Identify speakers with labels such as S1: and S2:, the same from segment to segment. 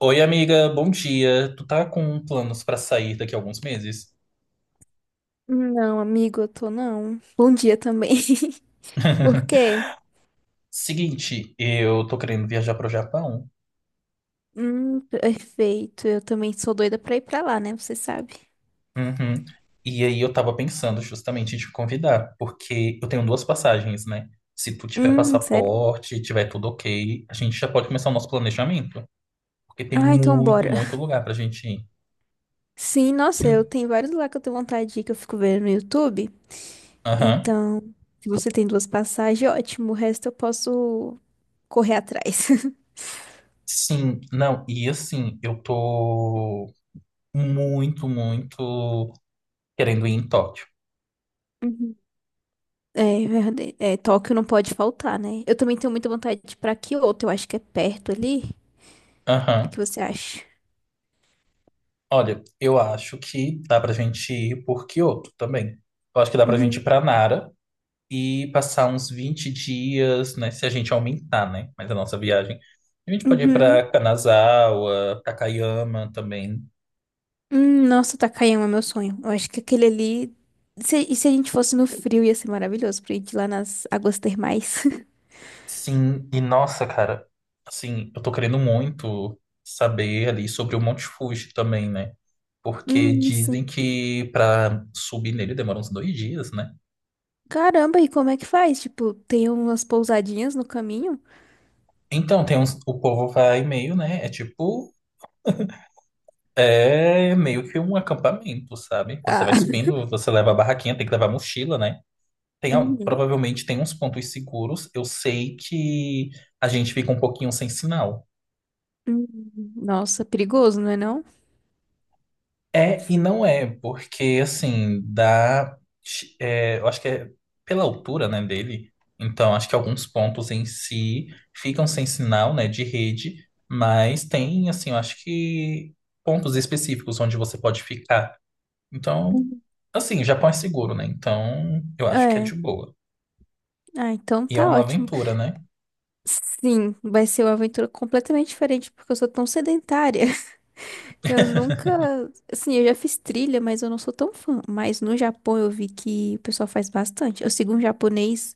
S1: Oi, amiga, bom dia. Tu tá com planos pra sair daqui a alguns meses?
S2: Não, amigo, eu tô não. Bom dia também. Por quê?
S1: Seguinte, eu tô querendo viajar pro Japão.
S2: Perfeito. Eu também sou doida pra ir pra lá, né? Você sabe.
S1: Uhum. E aí eu tava pensando justamente em te convidar, porque eu tenho duas passagens, né? Se tu tiver
S2: Sério?
S1: passaporte, tiver tudo ok, a gente já pode começar o nosso planejamento, porque tem
S2: Ah, então
S1: muito,
S2: bora.
S1: muito lugar pra gente ir.
S2: Sim, nossa, eu
S1: Hum.
S2: tenho vários lá que eu tenho vontade de ir, que eu fico vendo no YouTube.
S1: Aham.
S2: Então, se você tem duas passagens, ótimo. O resto eu posso correr atrás.
S1: Sim, não, e assim, eu tô muito, muito querendo ir em Tóquio.
S2: Uhum. É, verdade. É, Tóquio não pode faltar, né? Eu também tenho muita vontade de ir pra Kyoto. Eu acho que é perto ali. O que
S1: Aham.
S2: você acha?
S1: Olha, eu acho que dá pra gente ir por Kyoto também. Eu acho que dá pra gente ir
S2: Uhum.
S1: pra Nara e passar uns 20 dias, né? Se a gente aumentar, né? Mas a nossa viagem. A gente pode ir pra
S2: Uhum.
S1: Kanazawa, Takayama também.
S2: Nossa, Takayama é meu sonho. Eu acho que aquele ali. Se a gente fosse no frio, ia ser maravilhoso pra gente ir lá nas águas termais.
S1: Sim, e nossa, cara, assim, eu tô querendo muito saber ali sobre o Monte Fuji também, né? Porque dizem
S2: Sim.
S1: que pra subir nele demora uns dois dias, né?
S2: Caramba, e como é que faz? Tipo, tem umas pousadinhas no caminho?
S1: Então, tem uns, o povo vai meio, né? É meio que um acampamento, sabe? Você
S2: Ah.
S1: vai subindo, você leva a barraquinha, tem que levar a mochila, né? Tem,
S2: Uhum.
S1: provavelmente tem uns pontos seguros. Eu sei que a gente fica um pouquinho sem sinal.
S2: Uhum. Nossa, perigoso, não é não?
S1: É e não é, porque assim, dá. É, eu acho que é pela altura, né, dele. Então, acho que alguns pontos em si ficam sem sinal, né, de rede, mas tem, assim, eu acho que pontos específicos onde você pode ficar. Então,
S2: Uhum.
S1: assim, o Japão é seguro, né? Então, eu acho que é
S2: É.
S1: de boa.
S2: Ah, então
S1: E é
S2: tá
S1: uma
S2: ótimo.
S1: aventura, né?
S2: Sim, vai ser uma aventura completamente diferente, porque eu sou tão sedentária. Eu nunca, assim, eu já fiz trilha, mas eu não sou tão fã. Mas no Japão eu vi que o pessoal faz bastante. Eu sigo um japonês,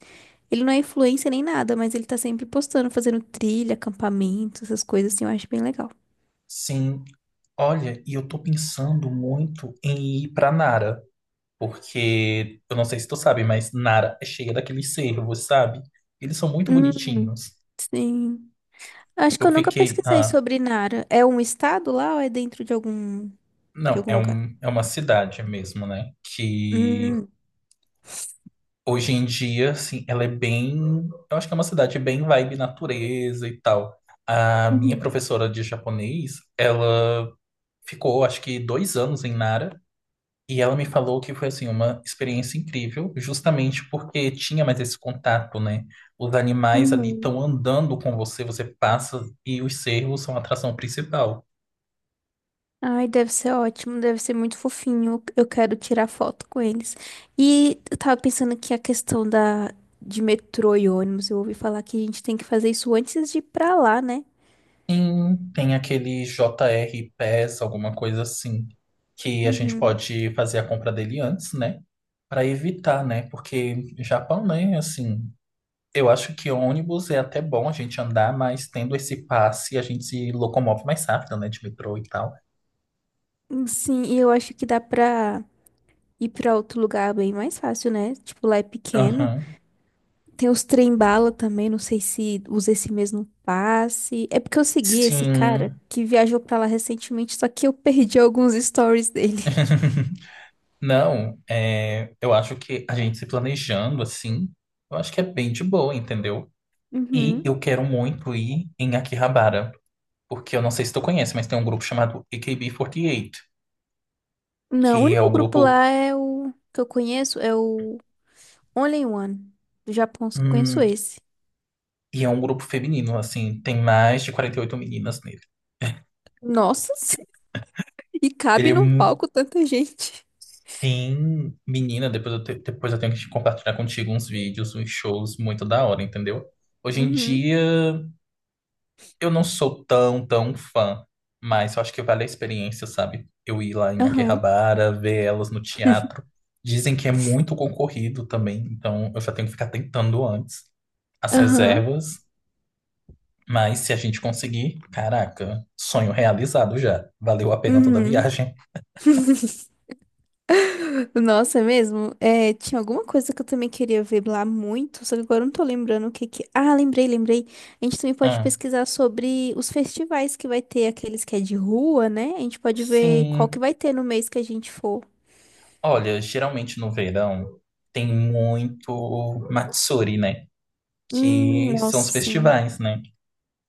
S2: ele não é influencer nem nada, mas ele tá sempre postando, fazendo trilha, acampamento, essas coisas assim, eu acho bem legal.
S1: Sim. Olha, e eu tô pensando muito em ir pra Nara, porque eu não sei se tu sabe, mas Nara é cheia daqueles cervos, sabe? Eles são muito
S2: Hum,
S1: bonitinhos.
S2: sim. Acho que
S1: Eu
S2: eu nunca
S1: fiquei,
S2: pesquisei
S1: ah,
S2: sobre Nara. É um estado lá ou é dentro de algum de
S1: não,
S2: algum
S1: é
S2: lugar?
S1: um, é uma cidade mesmo, né? Que
S2: Hum.
S1: hoje em dia, assim, ela é bem, eu acho que é uma cidade bem vibe natureza e tal. A minha
S2: Uhum.
S1: professora de japonês, ela ficou acho que dois anos em Nara e ela me falou que foi assim uma experiência incrível, justamente porque tinha mais esse contato, né? Os animais ali
S2: Uhum.
S1: estão andando com você, você passa e os cervos são a atração principal.
S2: Ai, deve ser ótimo, deve ser muito fofinho. Eu quero tirar foto com eles. E eu tava pensando que a questão da de metrô e ônibus, eu ouvi falar que a gente tem que fazer isso antes de ir pra lá, né?
S1: Sim, tem aquele JR Pass, alguma coisa assim, que a gente
S2: Uhum.
S1: pode fazer a compra dele antes, né? Para evitar, né? Porque Japão, né? Assim, eu acho que ônibus é até bom a gente andar, mas tendo esse passe, a gente se locomove mais rápido, né? De metrô e tal.
S2: Sim, e eu acho que dá pra ir pra outro lugar bem mais fácil, né? Tipo, lá é pequeno.
S1: Aham.
S2: Tem os trem-bala também, não sei se usa esse mesmo passe. É porque eu segui esse cara
S1: Sim.
S2: que viajou pra lá recentemente, só que eu perdi alguns stories dele.
S1: Não, é, eu acho que a gente se planejando assim, eu acho que é bem de boa, entendeu? E
S2: Uhum.
S1: eu quero muito ir em Akihabara, porque eu não sei se tu conhece, mas tem um grupo chamado AKB48,
S2: Não, o
S1: que é o
S2: único grupo
S1: grupo.
S2: lá é o que eu conheço é o Only One. Do Japão só conheço
S1: Hum.
S2: esse.
S1: E é um grupo feminino, assim, tem mais de 48 meninas nele.
S2: Nossa, e
S1: Ele
S2: cabe
S1: é
S2: num palco tanta gente.
S1: Tem, menina, depois eu tenho que te compartilhar contigo uns vídeos, uns shows muito da hora, entendeu? Hoje em
S2: Uhum.
S1: dia eu não sou tão, tão fã, mas eu acho que vale a experiência, sabe? Eu ir lá em
S2: Aham.
S1: Akihabara, ver elas no teatro. Dizem que é muito concorrido também, então eu já tenho que ficar tentando antes as
S2: Aham.
S1: reservas, mas se a gente conseguir, caraca, sonho realizado já. Valeu a pena toda a
S2: Uhum.
S1: viagem.
S2: Nossa, é mesmo? É, tinha alguma coisa que eu também queria ver lá muito, só que agora eu não tô lembrando o que que... Ah, lembrei, lembrei. A gente também pode
S1: Ah,
S2: pesquisar sobre os festivais que vai ter, aqueles que é de rua, né? A gente pode ver qual que
S1: sim.
S2: vai ter no mês que a gente for.
S1: Olha, geralmente no verão tem muito Matsuri, né? Que são os
S2: Nossa, sim.
S1: festivais, né?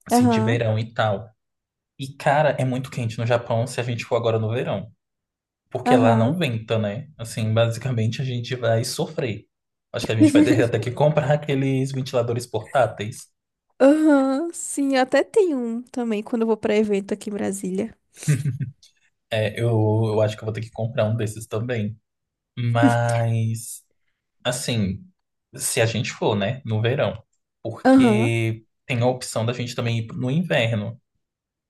S1: Assim, de
S2: Aham,
S1: verão e tal. E, cara, é muito quente no Japão se a gente for agora no verão. Porque lá não
S2: aham.
S1: venta, né? Assim, basicamente a gente vai sofrer. Acho que a gente vai ter até que comprar aqueles ventiladores portáteis.
S2: Aham, sim, eu até tenho um também quando eu vou pra evento aqui em Brasília.
S1: É, eu acho que eu vou ter que comprar um desses também. Mas. Assim, se a gente for, né, no verão,
S2: Aham,
S1: porque tem a opção da gente também ir no inverno,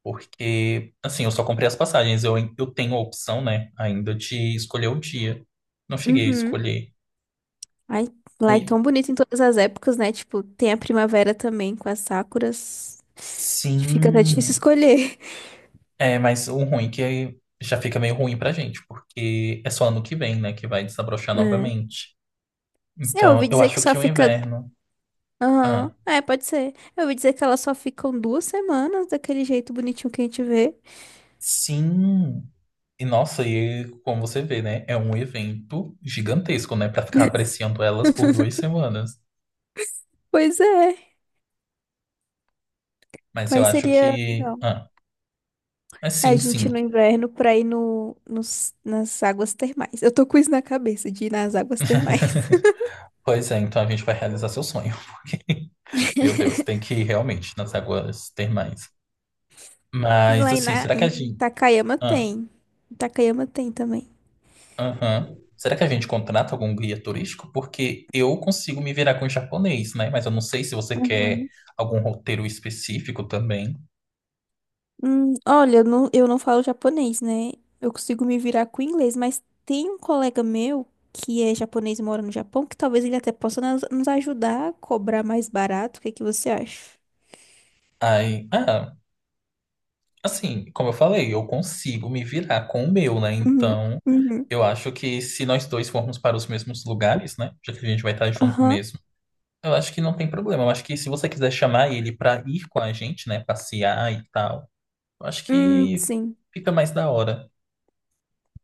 S1: porque, assim, eu só comprei as passagens, eu tenho a opção, né, ainda de escolher o dia. Não cheguei a
S2: uhum.
S1: escolher.
S2: Ai, lá é
S1: Ui,
S2: tão bonito em todas as épocas, né? Tipo, tem a primavera também com as sakuras. Fica até difícil
S1: sim,
S2: escolher.
S1: é, mas o ruim é que já fica meio ruim pra gente, porque é só ano que vem, né, que vai desabrochar
S2: É.
S1: novamente.
S2: Sim, eu
S1: Então,
S2: ouvi
S1: eu
S2: dizer
S1: acho
S2: que só
S1: que o
S2: fica.
S1: inverno.
S2: Aham,
S1: Ah,
S2: é, pode ser. Eu ouvi dizer que elas só ficam 2 semanas daquele jeito bonitinho que a gente vê.
S1: sim. E nossa, e como você vê, né? É um evento gigantesco, né? Pra ficar apreciando elas por duas semanas.
S2: Pois é,
S1: Mas eu
S2: mas
S1: acho
S2: seria
S1: que.
S2: legal.
S1: Ah, é
S2: A
S1: sim,
S2: gente no
S1: sim.
S2: inverno pra ir no, nos, nas águas termais. Eu tô com isso na cabeça, de ir nas águas termais.
S1: Pois é, então a gente vai realizar seu sonho. Porque, meu Deus, tem que ir realmente nas águas termais.
S2: Sim,
S1: Mas
S2: lá
S1: assim, será que a
S2: Em
S1: gente.
S2: Takayama
S1: Ah,
S2: tem. Takayama tem também.
S1: aham. Será que a gente contrata algum guia turístico? Porque eu consigo me virar com o japonês, né? Mas eu não sei se você quer
S2: Uhum.
S1: algum roteiro específico também.
S2: Olha, eu não falo japonês, né? Eu consigo me virar com inglês, mas tem um colega meu que é japonês e mora no Japão que talvez ele até possa nos ajudar a cobrar mais barato. O que que você acha?
S1: Aí, ah, assim, como eu falei, eu consigo me virar com o meu, né?
S2: Uhum,
S1: Então,
S2: uhum,
S1: eu acho que se nós dois formos para os mesmos lugares, né? Já que a gente vai estar junto
S2: aham.
S1: mesmo, eu acho que não tem problema. Eu acho que se você quiser chamar ele para ir com a gente, né? Passear e tal, eu acho que
S2: Sim.
S1: fica mais da hora.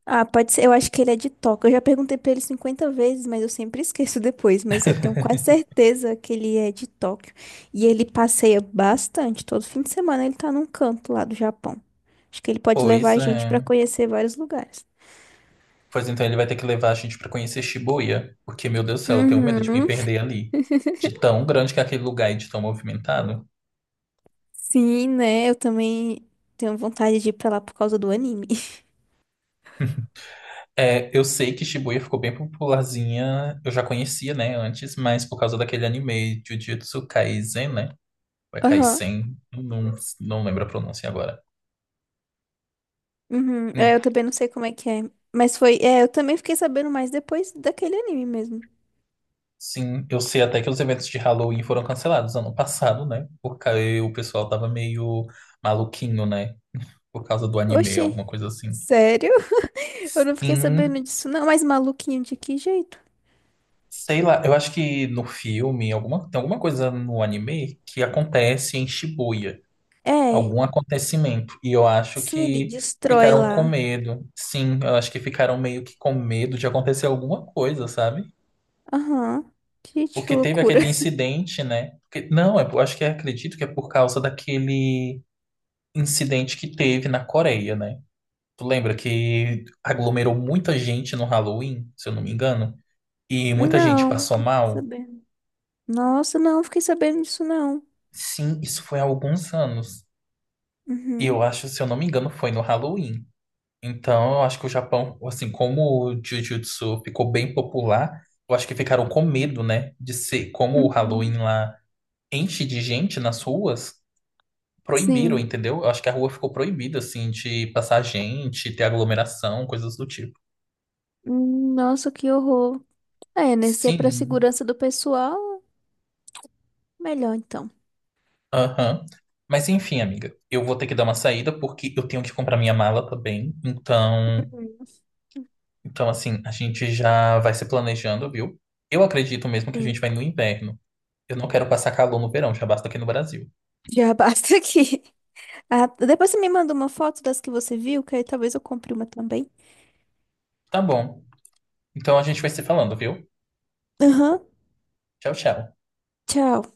S2: Ah, pode ser. Eu acho que ele é de Toca. Eu já perguntei pra ele 50 vezes, mas eu sempre esqueço depois. Mas eu tenho quase certeza que ele é de Tóquio. E ele passeia bastante. Todo fim de semana ele tá num canto lá do Japão. Acho que ele pode levar
S1: Pois
S2: a gente pra
S1: é.
S2: conhecer vários lugares.
S1: Pois então ele vai ter que levar a gente para conhecer Shibuya, porque, meu Deus do céu, eu tenho medo de me
S2: Uhum.
S1: perder ali. De tão grande que é aquele lugar e de tão movimentado.
S2: Sim, né? Eu também tenho vontade de ir pra lá por causa do anime.
S1: É, eu sei que Shibuya ficou bem popularzinha, eu já conhecia, né, antes, mas por causa daquele anime Jujutsu Kaisen, né? Ou é
S2: Aham.
S1: Kaisen, não, não lembro a pronúncia agora.
S2: Uhum.
S1: Hum.
S2: É, eu também não sei como é que é. Mas foi. É, eu também fiquei sabendo mais depois daquele anime mesmo.
S1: Sim, eu sei até que os eventos de Halloween foram cancelados ano passado, né? Porque o pessoal tava meio maluquinho, né? Por causa do anime,
S2: Oxi,
S1: alguma coisa assim.
S2: sério? Eu não fiquei
S1: Sim,
S2: sabendo disso, não. Mas maluquinho de que jeito?
S1: sei lá, eu acho que no filme, alguma, tem alguma coisa no anime que acontece em Shibuya.
S2: É,
S1: Algum acontecimento. E eu acho
S2: sim, ele
S1: que
S2: destrói
S1: ficaram com
S2: lá.
S1: medo. Sim, eu acho que ficaram meio que com medo de acontecer alguma coisa, sabe?
S2: Aham. Gente, que
S1: Porque teve
S2: loucura.
S1: aquele incidente, né? Não, eu acho que acredito que é por causa daquele incidente que teve na Coreia, né? Tu lembra que aglomerou muita gente no Halloween, se eu não me engano, e muita gente
S2: Não, não
S1: passou
S2: fiquei
S1: mal?
S2: sabendo. Nossa, não, fiquei sabendo disso, não.
S1: Sim, isso foi há alguns anos. E eu
S2: Uhum.
S1: acho, se eu não me engano, foi no Halloween. Então, eu acho que o Japão, assim, como o Jiu-Jitsu ficou bem popular, eu acho que ficaram com medo, né? De ser, como o
S2: Uhum.
S1: Halloween lá enche de gente nas ruas, proibiram,
S2: Sim.
S1: entendeu? Eu acho que a rua ficou proibida, assim, de passar gente, ter aglomeração, coisas do tipo.
S2: Nossa, que horror. É, né? Se é pra
S1: Sim,
S2: segurança do pessoal, melhor então.
S1: aham. Mas enfim, amiga, eu vou ter que dar uma saída porque eu tenho que comprar minha mala também. Então,
S2: Uhum.
S1: então assim, a gente já vai se planejando, viu? Eu acredito mesmo que a gente
S2: Sim.
S1: vai no inverno. Eu não quero passar calor no verão, já basta aqui no Brasil.
S2: Já basta aqui. Ah, depois você me manda uma foto das que você viu, que aí talvez eu compre uma também.
S1: Tá bom. Então a gente vai se falando, viu?
S2: Aham.
S1: Tchau, tchau.
S2: Tchau.